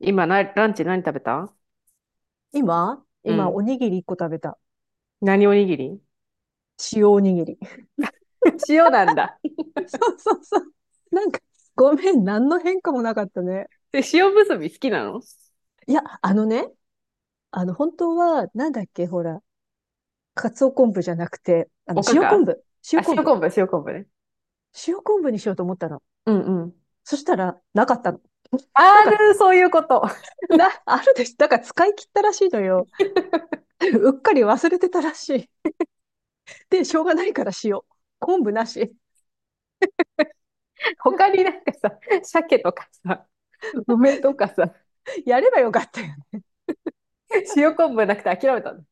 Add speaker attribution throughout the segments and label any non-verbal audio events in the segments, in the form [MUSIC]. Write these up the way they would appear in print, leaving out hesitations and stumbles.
Speaker 1: 今な、ランチ何食べた？
Speaker 2: 今
Speaker 1: う
Speaker 2: 今、お
Speaker 1: ん。
Speaker 2: にぎり一個食べた。
Speaker 1: 何おにぎり？
Speaker 2: 塩おにぎり。
Speaker 1: [LAUGHS] 塩なんだ。
Speaker 2: [LAUGHS] そうそうそう。なんか、ごめん、何の変化もなかったね。
Speaker 1: で、塩むすび好きなの？
Speaker 2: いや、あのね、本当は、なんだっけ、ほら、かつお昆布じゃなくて、
Speaker 1: おか
Speaker 2: 塩昆
Speaker 1: か？
Speaker 2: 布。
Speaker 1: あ、
Speaker 2: 塩昆
Speaker 1: 塩
Speaker 2: 布。
Speaker 1: 昆布、塩昆布ね。
Speaker 2: 塩昆布にしようと思ったの。
Speaker 1: うんうん。
Speaker 2: そしたら、なかったの。[LAUGHS] な
Speaker 1: あ
Speaker 2: んか、
Speaker 1: る、そういうこと。
Speaker 2: あるでしょ。なんか使い切ったらしいのよ。
Speaker 1: [LAUGHS]
Speaker 2: [LAUGHS] うっかり忘れてたらしい。で、しょうがないから塩。昆布なし。
Speaker 1: 他になんかさ、鮭とかさ、梅とかさ、
Speaker 2: [LAUGHS] やればよかったよ。
Speaker 1: 塩昆布なくて諦めたの？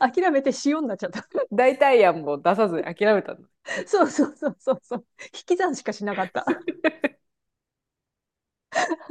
Speaker 2: 諦めて塩になっちゃった。
Speaker 1: 代替案も出さずに諦めたの？
Speaker 2: [LAUGHS] そうそうそうそうそう。引き算しかしなかった。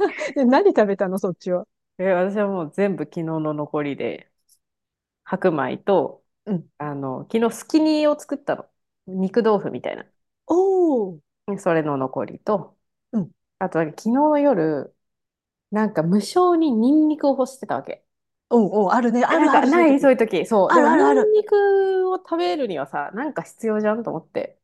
Speaker 2: [LAUGHS] で、何食べたの、そっちは。
Speaker 1: え、私はもう全部昨日の残りで、白米と、
Speaker 2: うん。
Speaker 1: あの、昨日スキニーを作ったの。肉豆腐みたいな。
Speaker 2: おー。
Speaker 1: それの残りと、
Speaker 2: うん。
Speaker 1: あとなんか昨日の夜、なんか無性にニンニクを欲してたわけ。
Speaker 2: おうおう、あるね。
Speaker 1: え、
Speaker 2: あ
Speaker 1: なん
Speaker 2: るあ
Speaker 1: か、
Speaker 2: る、そう
Speaker 1: な
Speaker 2: いう
Speaker 1: いそ
Speaker 2: 時。
Speaker 1: ういう時？そう。
Speaker 2: あ
Speaker 1: で
Speaker 2: る
Speaker 1: も、
Speaker 2: あ
Speaker 1: ニ
Speaker 2: るあ
Speaker 1: ン
Speaker 2: る。
Speaker 1: ニクを食べるにはさ、なんか必要じゃんと思って。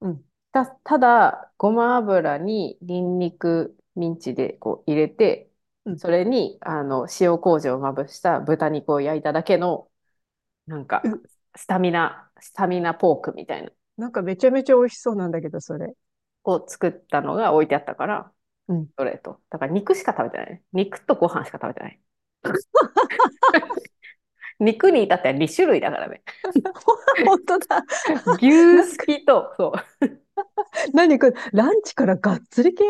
Speaker 2: うん。
Speaker 1: ただ、ごま油にニンニク、ミンチでこう入れて、
Speaker 2: うん。
Speaker 1: それに、塩麹をまぶした豚肉を焼いただけの、なんか、
Speaker 2: う、
Speaker 1: スタミナポークみたいな、
Speaker 2: なんかめちゃめちゃ美味しそうなんだけど、それ。
Speaker 1: を作ったのが置いてあったから、
Speaker 2: うん。
Speaker 1: それと。だから肉しか食べてないね。肉とご飯しか食べてない。肉に至っては2種類だからね。
Speaker 2: [LAUGHS] 本当だ。
Speaker 1: 牛
Speaker 2: なん
Speaker 1: す
Speaker 2: か、
Speaker 1: きと、そ
Speaker 2: 何これ、ランチからがっつり系？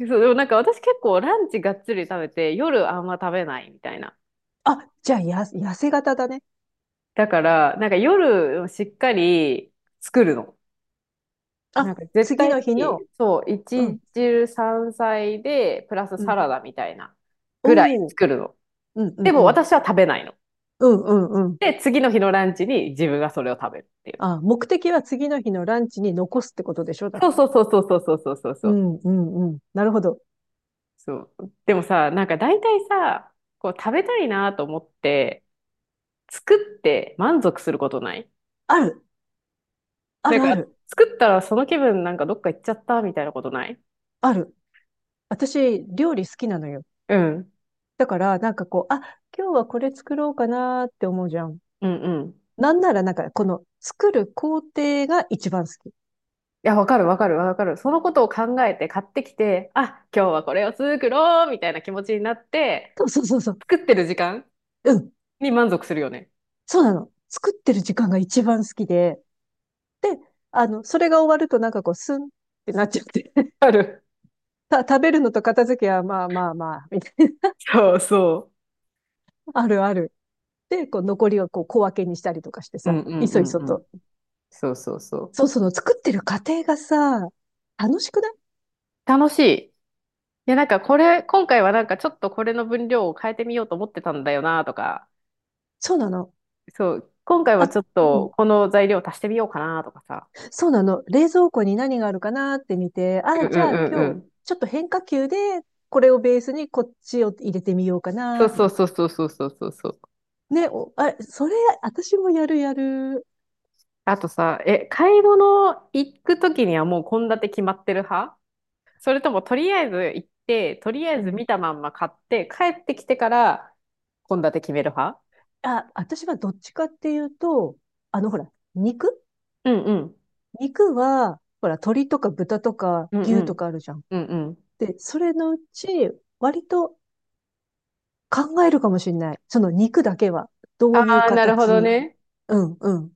Speaker 1: う。そう、でもなんか私結構ランチがっつり食べて、夜あんま食べないみたいな。
Speaker 2: あ、じゃあ、痩せ型だね。
Speaker 1: だから、なんか夜しっかり作るの。なん
Speaker 2: あ、
Speaker 1: か絶
Speaker 2: 次
Speaker 1: 対
Speaker 2: の日の、
Speaker 1: に、そう、
Speaker 2: うん、
Speaker 1: 一汁三菜で、プラス
Speaker 2: う
Speaker 1: サ
Speaker 2: ん。
Speaker 1: ラダみたいなぐらい
Speaker 2: おー。
Speaker 1: 作るの。
Speaker 2: うんう
Speaker 1: で
Speaker 2: ん
Speaker 1: も
Speaker 2: うん。
Speaker 1: 私は食べないの。
Speaker 2: うんうんうん。
Speaker 1: で、次の日のランチに自分がそれを食べるっていう。
Speaker 2: あ、目的は次の日のランチに残すってことでしょだっ
Speaker 1: そ
Speaker 2: て。
Speaker 1: うそうそうそうそうそうそうそ
Speaker 2: う
Speaker 1: う。
Speaker 2: んうんうん。なるほど。
Speaker 1: そう。でもさ、なんか大体さ、こう食べたいなと思って、作って満足することない？
Speaker 2: ある、あ
Speaker 1: なん
Speaker 2: るあ
Speaker 1: か、
Speaker 2: る、
Speaker 1: 作ったらその気分なんかどっか行っちゃったみたいなことない？
Speaker 2: ある。私、料理好きなのよ。
Speaker 1: うん。
Speaker 2: だから、なんかこう、あ、今日はこれ作ろうかなーって思うじゃん。
Speaker 1: うんうん。い
Speaker 2: なんなら、なんか、この、作る工程が一番好き。
Speaker 1: や、わかるわかるわかる。そのことを考えて買ってきて、あ、今日はこれを作ろうみたいな気持ちになって、
Speaker 2: そうそうそうそう。
Speaker 1: 作ってる時間
Speaker 2: うん、
Speaker 1: に満足するよね。
Speaker 2: そうなの。作ってる時間が一番好きで。で、それが終わると、なんかこう、スンってなっちゃって。
Speaker 1: ある。
Speaker 2: [LAUGHS] 食べるのと片付けは、まあまあまあ、みたいな。
Speaker 1: そうそ
Speaker 2: [LAUGHS] あるある。で、こう、残りをこう、小分けにしたりとかして
Speaker 1: う。う
Speaker 2: さ、
Speaker 1: んう
Speaker 2: い
Speaker 1: んう
Speaker 2: そい
Speaker 1: ん
Speaker 2: そ
Speaker 1: うん。
Speaker 2: と。
Speaker 1: そうそうそう。
Speaker 2: そう、その作ってる過程がさ、楽しくない？
Speaker 1: 楽しい。いや、なんかこれ、今回はなんかちょっとこれの分量を変えてみようと思ってたんだよなとか、
Speaker 2: そうなの。
Speaker 1: そう、今回
Speaker 2: あ、
Speaker 1: はちょっ
Speaker 2: う
Speaker 1: と
Speaker 2: ん、
Speaker 1: この材料足してみようかなとかさ。
Speaker 2: そうなの。冷蔵庫に何があるかなって見て、あ、
Speaker 1: うんう
Speaker 2: じゃあ
Speaker 1: んう
Speaker 2: 今日、
Speaker 1: ん。
Speaker 2: ちょっと変化球で、これをベースにこっちを入れてみようか
Speaker 1: そう
Speaker 2: なと
Speaker 1: そう
Speaker 2: か。
Speaker 1: そうそうそうそうそうそう。
Speaker 2: ね、あ、それ、私もやるやる。
Speaker 1: あとさ、え、買い物行くときにはもう献立決まってる派？それともとりあえず行って、とりあ
Speaker 2: う
Speaker 1: えず
Speaker 2: ん。
Speaker 1: 見たまんま買って、帰ってきてから献立決める派？
Speaker 2: あ、私はどっちかっていうと、ほら、肉
Speaker 1: うんうん。
Speaker 2: 肉は、ほら、鶏とか豚とか
Speaker 1: うんう
Speaker 2: 牛と
Speaker 1: ん。
Speaker 2: かあるじゃん。
Speaker 1: うんうん。
Speaker 2: で、それのうち、割と考えるかもしれない。その肉だけは、どういう
Speaker 1: ああ、なるほ
Speaker 2: 形
Speaker 1: ど
Speaker 2: に。
Speaker 1: ね。
Speaker 2: うん、うん。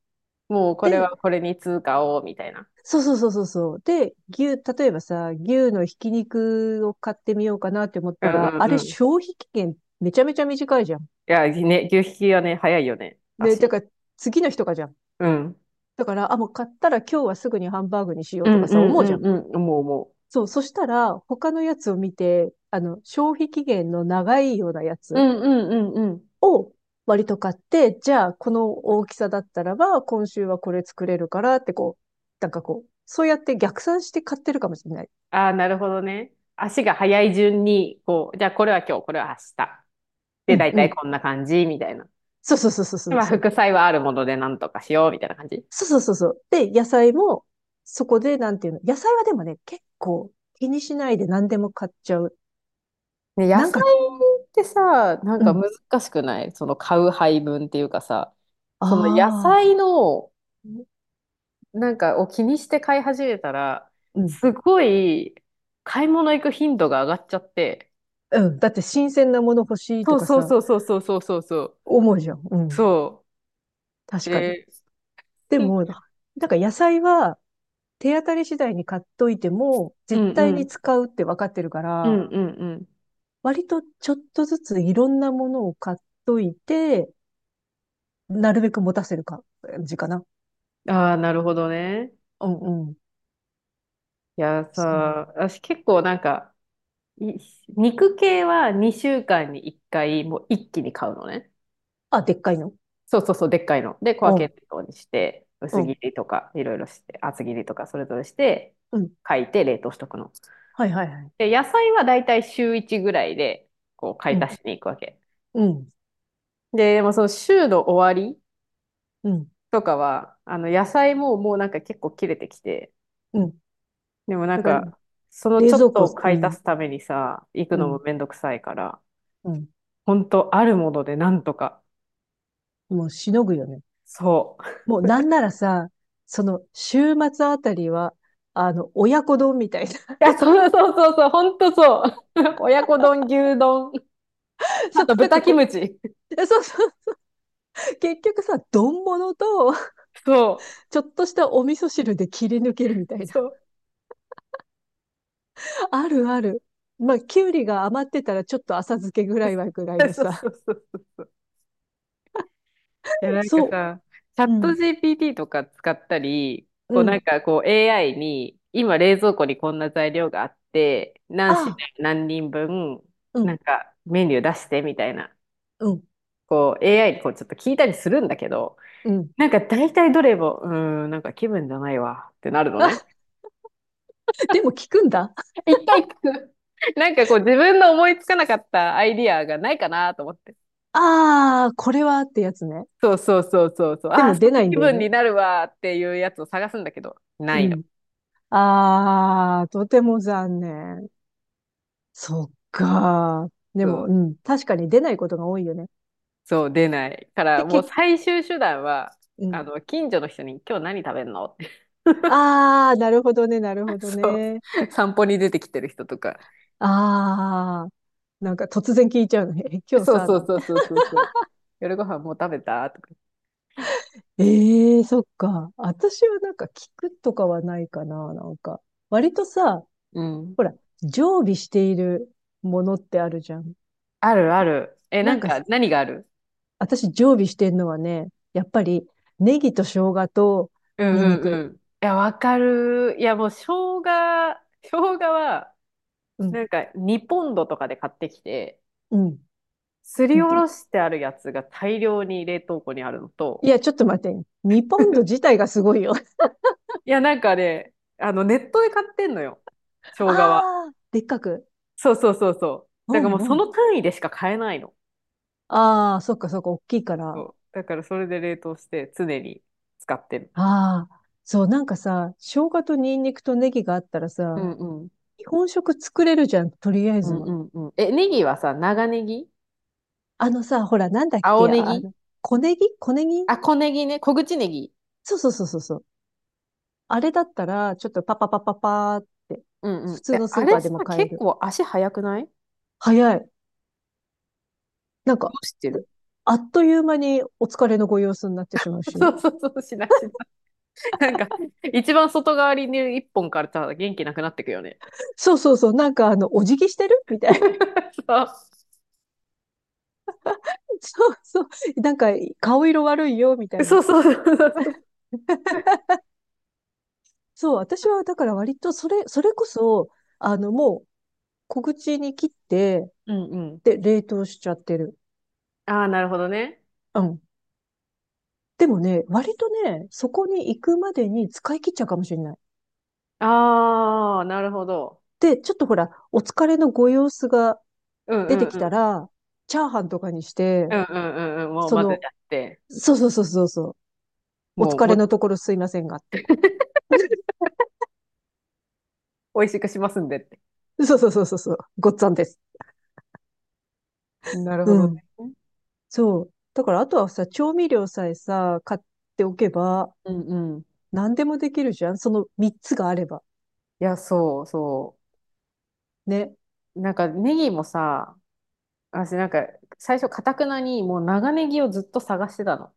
Speaker 1: もうこれ
Speaker 2: で、
Speaker 1: はこれに通貨を、みたいな。
Speaker 2: そうそうそうそうそう。で、例えばさ、牛のひき肉を買ってみようかなって思っ
Speaker 1: うん
Speaker 2: たら、あ
Speaker 1: うん
Speaker 2: れ
Speaker 1: うん。い
Speaker 2: 消費期限めちゃめちゃ短いじゃん。
Speaker 1: や、ね、牛引きはね、早いよね、
Speaker 2: ね、だ
Speaker 1: 足。
Speaker 2: から次の日とかじゃん。
Speaker 1: うん。
Speaker 2: だから、あ、もう買ったら今日はすぐにハンバーグにしよ
Speaker 1: う
Speaker 2: うと
Speaker 1: ん
Speaker 2: か
Speaker 1: う
Speaker 2: さ、
Speaker 1: ん
Speaker 2: 思
Speaker 1: う
Speaker 2: うじゃん。
Speaker 1: んうん、もうも
Speaker 2: そう、そしたら他のやつを見て、消費期限の長いようなや
Speaker 1: う。う
Speaker 2: つ
Speaker 1: んうんうんうん。
Speaker 2: を割と買って、じゃあこの大きさだったらば、今週はこれ作れるからってこう、なんかこう、そうやって逆算して買ってるかもしれない。
Speaker 1: ああ、なるほどね。足が速い順に、こう、じゃあこれは今日、これは明日。
Speaker 2: う
Speaker 1: で、
Speaker 2: ん、
Speaker 1: 大
Speaker 2: う
Speaker 1: 体
Speaker 2: ん。
Speaker 1: こんな感じ、みたいな。
Speaker 2: そうそうそうそう
Speaker 1: で
Speaker 2: そう
Speaker 1: まあ、
Speaker 2: そう。
Speaker 1: 副菜はあるものでなんとかしよう、みたいな感じ。
Speaker 2: そうそうそうそう。で、野菜も、そこで、なんていうの。野菜はでもね、結構気にしないで何でも買っちゃう。
Speaker 1: ね、野
Speaker 2: なん
Speaker 1: 菜
Speaker 2: か、
Speaker 1: ってさ、なん
Speaker 2: う
Speaker 1: か
Speaker 2: ん。
Speaker 1: 難しくないその買う配分っていうかさ、
Speaker 2: あ
Speaker 1: その野
Speaker 2: あ、
Speaker 1: 菜の、なんかを気にして買い始めたら、
Speaker 2: うん。
Speaker 1: すごい買い物行く頻度が上がっちゃって、
Speaker 2: うん。だって新鮮なもの欲しい
Speaker 1: そ
Speaker 2: と
Speaker 1: う
Speaker 2: か
Speaker 1: そう
Speaker 2: さ、
Speaker 1: そうそうそうそうそうそう。
Speaker 2: 思うじゃん。うん。
Speaker 1: そ
Speaker 2: 確
Speaker 1: う。
Speaker 2: かに。
Speaker 1: で、
Speaker 2: で
Speaker 1: うん
Speaker 2: も、なんから野菜は手当たり次第に買っといても、
Speaker 1: う
Speaker 2: 絶
Speaker 1: ん
Speaker 2: 対
Speaker 1: う
Speaker 2: に
Speaker 1: ん。
Speaker 2: 使うって分かってるか
Speaker 1: う
Speaker 2: ら、
Speaker 1: んうんうん。
Speaker 2: 割とちょっとずついろんなものを買っといて、なるべく持たせる感じかな。
Speaker 1: ああ、なるほどね。
Speaker 2: うんうん。
Speaker 1: いやさ、
Speaker 2: そう。
Speaker 1: 私結構なんか、い肉系は2週間に1回、もう一気に買うのね。
Speaker 2: あ、でっかいの。
Speaker 1: そうそうそう、でっかいの。で、小
Speaker 2: う
Speaker 1: 分
Speaker 2: ん。
Speaker 1: けのようにして、
Speaker 2: う
Speaker 1: 薄切
Speaker 2: ん、
Speaker 1: りとか、いろいろして、厚切りとか、それぞれして、
Speaker 2: うん。
Speaker 1: 書いて冷凍しとくの。
Speaker 2: はいはいはい。
Speaker 1: で、野菜はだいたい週1ぐらいで、こう、買
Speaker 2: う
Speaker 1: い
Speaker 2: ん、
Speaker 1: 足しに行くわけ。
Speaker 2: うん、
Speaker 1: で、でもその週の終わり
Speaker 2: うん、
Speaker 1: とかは、あの、野菜ももうなんか結構切れてきて、
Speaker 2: うん。
Speaker 1: でもなん
Speaker 2: だから、
Speaker 1: か、その
Speaker 2: 冷
Speaker 1: ちょ
Speaker 2: 蔵
Speaker 1: っと
Speaker 2: 庫、
Speaker 1: を
Speaker 2: う
Speaker 1: 買い足
Speaker 2: ん、
Speaker 1: すためにさ、行く
Speaker 2: う
Speaker 1: のも
Speaker 2: ん、
Speaker 1: めんどくさいから、
Speaker 2: うん。
Speaker 1: ほんとあるものでなんとか。
Speaker 2: もうしのぐよね。
Speaker 1: そう。い
Speaker 2: もうなんならさ、その、週末あたりは、親子丼みたいな。
Speaker 1: や、そうそうそうそう、ほんとそう。[LAUGHS] 親子丼、牛丼、
Speaker 2: [LAUGHS]
Speaker 1: あ
Speaker 2: そう、
Speaker 1: と
Speaker 2: なん
Speaker 1: 豚
Speaker 2: か
Speaker 1: キ
Speaker 2: こ
Speaker 1: ムチ。
Speaker 2: う、そうそう。結局さ、丼物と、
Speaker 1: そう。
Speaker 2: ちょっとしたお味噌汁で切り抜けるみたいな。
Speaker 1: そう。
Speaker 2: あるある。まあ、きゅうりが余ってたら、ちょっと浅漬けぐらいはぐらいの
Speaker 1: [LAUGHS] そう
Speaker 2: さ。
Speaker 1: そうそうそうそう。いや、なんか
Speaker 2: そ
Speaker 1: さ、チャ
Speaker 2: う。
Speaker 1: ッ
Speaker 2: う
Speaker 1: ト
Speaker 2: ん、
Speaker 1: GPT とか使ったり、
Speaker 2: う
Speaker 1: こうなん
Speaker 2: ん。
Speaker 1: かこう AI に、今冷蔵庫にこんな材料があって、何品
Speaker 2: ああ、
Speaker 1: 何人分、
Speaker 2: う
Speaker 1: な
Speaker 2: ん、
Speaker 1: んかメニュー出してみたいな。
Speaker 2: うん、
Speaker 1: こう AI にこうちょっと聞いたりするんだけど、
Speaker 2: うん。
Speaker 1: なんか大体どれも、うーん、なんか気分じゃないわってなるのね。
Speaker 2: あ、でも効くんだ。
Speaker 1: [LAUGHS] 一回聞く。[LAUGHS] なんかこう自分の思いつかなかったアイディアがないかなと思って。
Speaker 2: ああ、これはってやつね。
Speaker 1: そうそうそうそうそう。
Speaker 2: で
Speaker 1: ああ、
Speaker 2: も
Speaker 1: その
Speaker 2: 出ないん
Speaker 1: 気
Speaker 2: だよ
Speaker 1: 分
Speaker 2: ね。
Speaker 1: になるわっていうやつを探すんだけど、な
Speaker 2: う
Speaker 1: いの。
Speaker 2: ん。ああ、とても残念。そっか。で
Speaker 1: そ
Speaker 2: も、う
Speaker 1: う、
Speaker 2: ん。確かに出ないことが多いよね。
Speaker 1: そう、出ない。から、
Speaker 2: で、
Speaker 1: もう最終手段は、
Speaker 2: うん。
Speaker 1: あの、近所の人に今日何食べんのって。
Speaker 2: ああ、なるほどね、なるほ
Speaker 1: [LAUGHS]
Speaker 2: ど
Speaker 1: そう。
Speaker 2: ね。
Speaker 1: 散歩に出てきてる人とか。
Speaker 2: ああ、なんか突然聞いちゃうのね。[LAUGHS] え、今日
Speaker 1: そう
Speaker 2: さ、
Speaker 1: そ
Speaker 2: な
Speaker 1: う
Speaker 2: んて。
Speaker 1: そうそうそうそう。夜ご飯もう食べたとか。
Speaker 2: ええー、そっか。私はなんか聞くとかはないかな、なんか。割とさ、
Speaker 1: うん。
Speaker 2: ほら、常備しているものってあるじゃん。
Speaker 1: あるある。え、な
Speaker 2: なん
Speaker 1: ん
Speaker 2: か、
Speaker 1: か、何がある？
Speaker 2: 私常備してんのはね、やっぱりネギと生姜と
Speaker 1: うん
Speaker 2: ニンニ
Speaker 1: うんう
Speaker 2: ク。
Speaker 1: ん。いや、わかる。いや、もう、生姜は、
Speaker 2: う
Speaker 1: な
Speaker 2: ん、
Speaker 1: んか、2ポンドとかで買ってきて、
Speaker 2: うん。
Speaker 1: すりおろしてあるやつが大量に冷凍庫にあるのと、
Speaker 2: いや、ちょっと待って。2ポンド自
Speaker 1: [LAUGHS]
Speaker 2: 体がすごいよ。[LAUGHS]
Speaker 1: いや、なんかね、あの、ネットで買ってんのよ。生姜は。
Speaker 2: ああ、でっかく。
Speaker 1: そうそうそうそう。
Speaker 2: う
Speaker 1: だからもう、そ
Speaker 2: んうん。
Speaker 1: の単位でしか買えないの。
Speaker 2: ああ、そっかそっか、大きいか
Speaker 1: そ
Speaker 2: ら。
Speaker 1: う。だから、それで冷凍して、常に使ってる。
Speaker 2: ああ、そう、なんかさ、生姜とニンニクとネギがあったら
Speaker 1: う
Speaker 2: さ、
Speaker 1: んうん。
Speaker 2: 日本食作れるじゃん、とりあえ
Speaker 1: う
Speaker 2: ず
Speaker 1: ん
Speaker 2: は。
Speaker 1: うんうん。え、ネギはさ、長ネギ？
Speaker 2: あのさ、ほら、なんだっ
Speaker 1: 青
Speaker 2: け、
Speaker 1: ネギ？
Speaker 2: 小ネギ、小ネギ、
Speaker 1: あ、小ネギね。小口ネギ。
Speaker 2: そうそうそうそうそう。あれだったら、ちょっとパパパパパーって、
Speaker 1: うんうん。
Speaker 2: 普通
Speaker 1: え、
Speaker 2: のス
Speaker 1: あ
Speaker 2: ーパ
Speaker 1: れ
Speaker 2: ーで
Speaker 1: さ、
Speaker 2: も買え
Speaker 1: 結
Speaker 2: る？
Speaker 1: 構足速くない？ど
Speaker 2: 早い。なんか、
Speaker 1: うしてる？
Speaker 2: あっという間にお疲れのご様子になってしまう
Speaker 1: [LAUGHS] そ
Speaker 2: し。
Speaker 1: うそうそう、しなしな。なんか、一番外側にいる一本からさ、元気なくなってくよね。
Speaker 2: そうそうそう。なんか、お辞儀してるみたいな。
Speaker 1: [LAUGHS] そ
Speaker 2: [LAUGHS] そうそう。なんか、顔色悪いよ、みた
Speaker 1: う
Speaker 2: い
Speaker 1: そ
Speaker 2: な。
Speaker 1: うそうそうそう。
Speaker 2: そう、私は、だから割と、それこそ、もう、小口に切って、
Speaker 1: うんうん。
Speaker 2: で、冷凍しちゃってる。
Speaker 1: ああ、なるほどね。
Speaker 2: うん。でもね、割とね、そこに行くまでに使い切っちゃうかもしれない。
Speaker 1: ああ、なるほど。
Speaker 2: で、ちょっとほら、お疲れのご様子が
Speaker 1: うん
Speaker 2: 出
Speaker 1: う
Speaker 2: て
Speaker 1: ん
Speaker 2: き
Speaker 1: う
Speaker 2: た
Speaker 1: ん。
Speaker 2: ら、チャーハンとかにして、
Speaker 1: うんうんうんうん。もう
Speaker 2: そ
Speaker 1: 混ぜち
Speaker 2: の、
Speaker 1: ゃって、
Speaker 2: そうそうそうそうそう。お
Speaker 1: も
Speaker 2: 疲
Speaker 1: う、も
Speaker 2: れ
Speaker 1: う、
Speaker 2: のところすいませんがって。
Speaker 1: 美味しくしますんでって。
Speaker 2: そうそうそうそうそう。ごっつぁんです。
Speaker 1: なるほ
Speaker 2: う
Speaker 1: ど
Speaker 2: ん。
Speaker 1: ね。
Speaker 2: そう。だから、あとはさ、調味料さえさ、買っておけば、
Speaker 1: うんうん。い
Speaker 2: 何でもできるじゃんその3つがあれば。
Speaker 1: や、そうそ
Speaker 2: ね。
Speaker 1: う。なんか、ネギもさ、私なんか、最初、かたくなに、もう長ネギをずっと探してたの。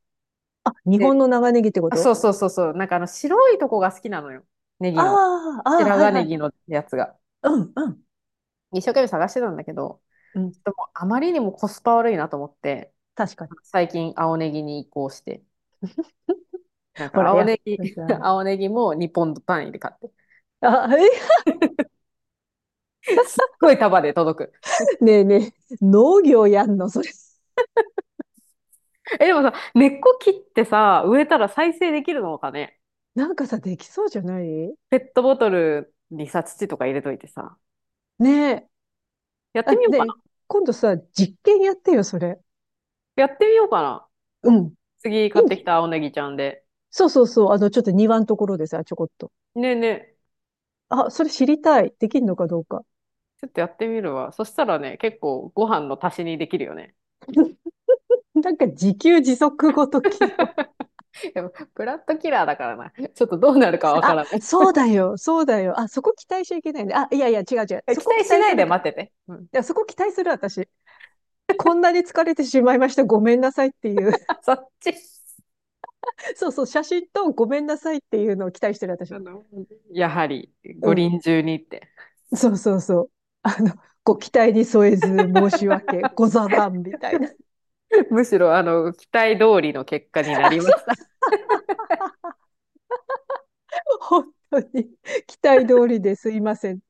Speaker 2: あ、日本
Speaker 1: で、
Speaker 2: の長ネギってこ
Speaker 1: あ、
Speaker 2: と？
Speaker 1: そうそうそうそう。なんかあの、白いとこが好きなのよ。ネ
Speaker 2: あ
Speaker 1: ギの。
Speaker 2: あ、ああ、
Speaker 1: 白
Speaker 2: はい
Speaker 1: 髪
Speaker 2: は
Speaker 1: ネ
Speaker 2: い。
Speaker 1: ギのやつが。
Speaker 2: うん、うん、
Speaker 1: 一生懸命探してたんだけど、
Speaker 2: うん。
Speaker 1: ちょっともうあまりにもコスパ悪いなと思って、
Speaker 2: 確かに。
Speaker 1: 最近青ネギに移行して、なん
Speaker 2: ほ
Speaker 1: か
Speaker 2: ら、
Speaker 1: 青
Speaker 2: やっ
Speaker 1: ネギ、
Speaker 2: ぱさ。
Speaker 1: [LAUGHS] 青ネギも2ポンド単位で買っ
Speaker 2: あ、え、
Speaker 1: て、すっごい束で届く。
Speaker 2: [LAUGHS] ねえねえ、農業やんのそれ。
Speaker 1: え、でもさ、根っこ切ってさ、植えたら再生できるのかね。
Speaker 2: なんかさ、できそうじゃない？
Speaker 1: ペットボトルにさ、土とか入れといてさ、
Speaker 2: ねえ。
Speaker 1: やって
Speaker 2: あ、
Speaker 1: みよう
Speaker 2: ね
Speaker 1: か？
Speaker 2: え、今度さ、実験やってよ、それ。
Speaker 1: やってみようかな。
Speaker 2: うん。
Speaker 1: 次
Speaker 2: い
Speaker 1: 買って
Speaker 2: い、
Speaker 1: きた青ネギちゃんで。
Speaker 2: そうそうそう、ちょっと庭のところでさ、ちょこっと。
Speaker 1: ねえねえ、
Speaker 2: あ、それ知りたい。できるのかどうか。
Speaker 1: ちょっとやってみるわ。そしたらね、結構ご飯の足しにできるよね。
Speaker 2: [LAUGHS] なんか自給自足ごときの。
Speaker 1: [LAUGHS] でも、ブラッドキラーだからな。ちょっとどうなるかわか
Speaker 2: あ、
Speaker 1: らない。[LAUGHS]
Speaker 2: そうだよ、そうだよ。あ、そこ期待しちゃいけないね。あ、いやいや、違う違う。そ
Speaker 1: 期
Speaker 2: こ
Speaker 1: 待
Speaker 2: 期
Speaker 1: し
Speaker 2: 待
Speaker 1: ない
Speaker 2: す
Speaker 1: で
Speaker 2: るか
Speaker 1: 待
Speaker 2: ら。い
Speaker 1: ってて。うん。
Speaker 2: や、そこ期待する私。こんなに疲れてしまいました。ごめんなさいっていう。
Speaker 1: あ、そっち。
Speaker 2: [LAUGHS] そうそう、写真とごめんなさいっていうのを期待してる
Speaker 1: あ
Speaker 2: 私。
Speaker 1: の、やはり
Speaker 2: う
Speaker 1: 五
Speaker 2: ん。
Speaker 1: 輪中にって。
Speaker 2: そうそうそう。あの、ご期待に添えず申し訳
Speaker 1: [LAUGHS]
Speaker 2: ござらんみたいな。
Speaker 1: むしろあの期待通りの結果にな
Speaker 2: あ、
Speaker 1: りま
Speaker 2: そ
Speaker 1: した。
Speaker 2: う
Speaker 1: [LAUGHS]
Speaker 2: そう、本当に。期待通りですいません。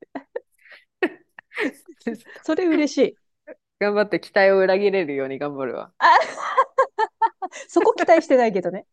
Speaker 1: ちょっと
Speaker 2: それ嬉しい。
Speaker 1: 頑張って期待を裏切れるように頑張るわ。
Speaker 2: あ、そこ期待してないけどね。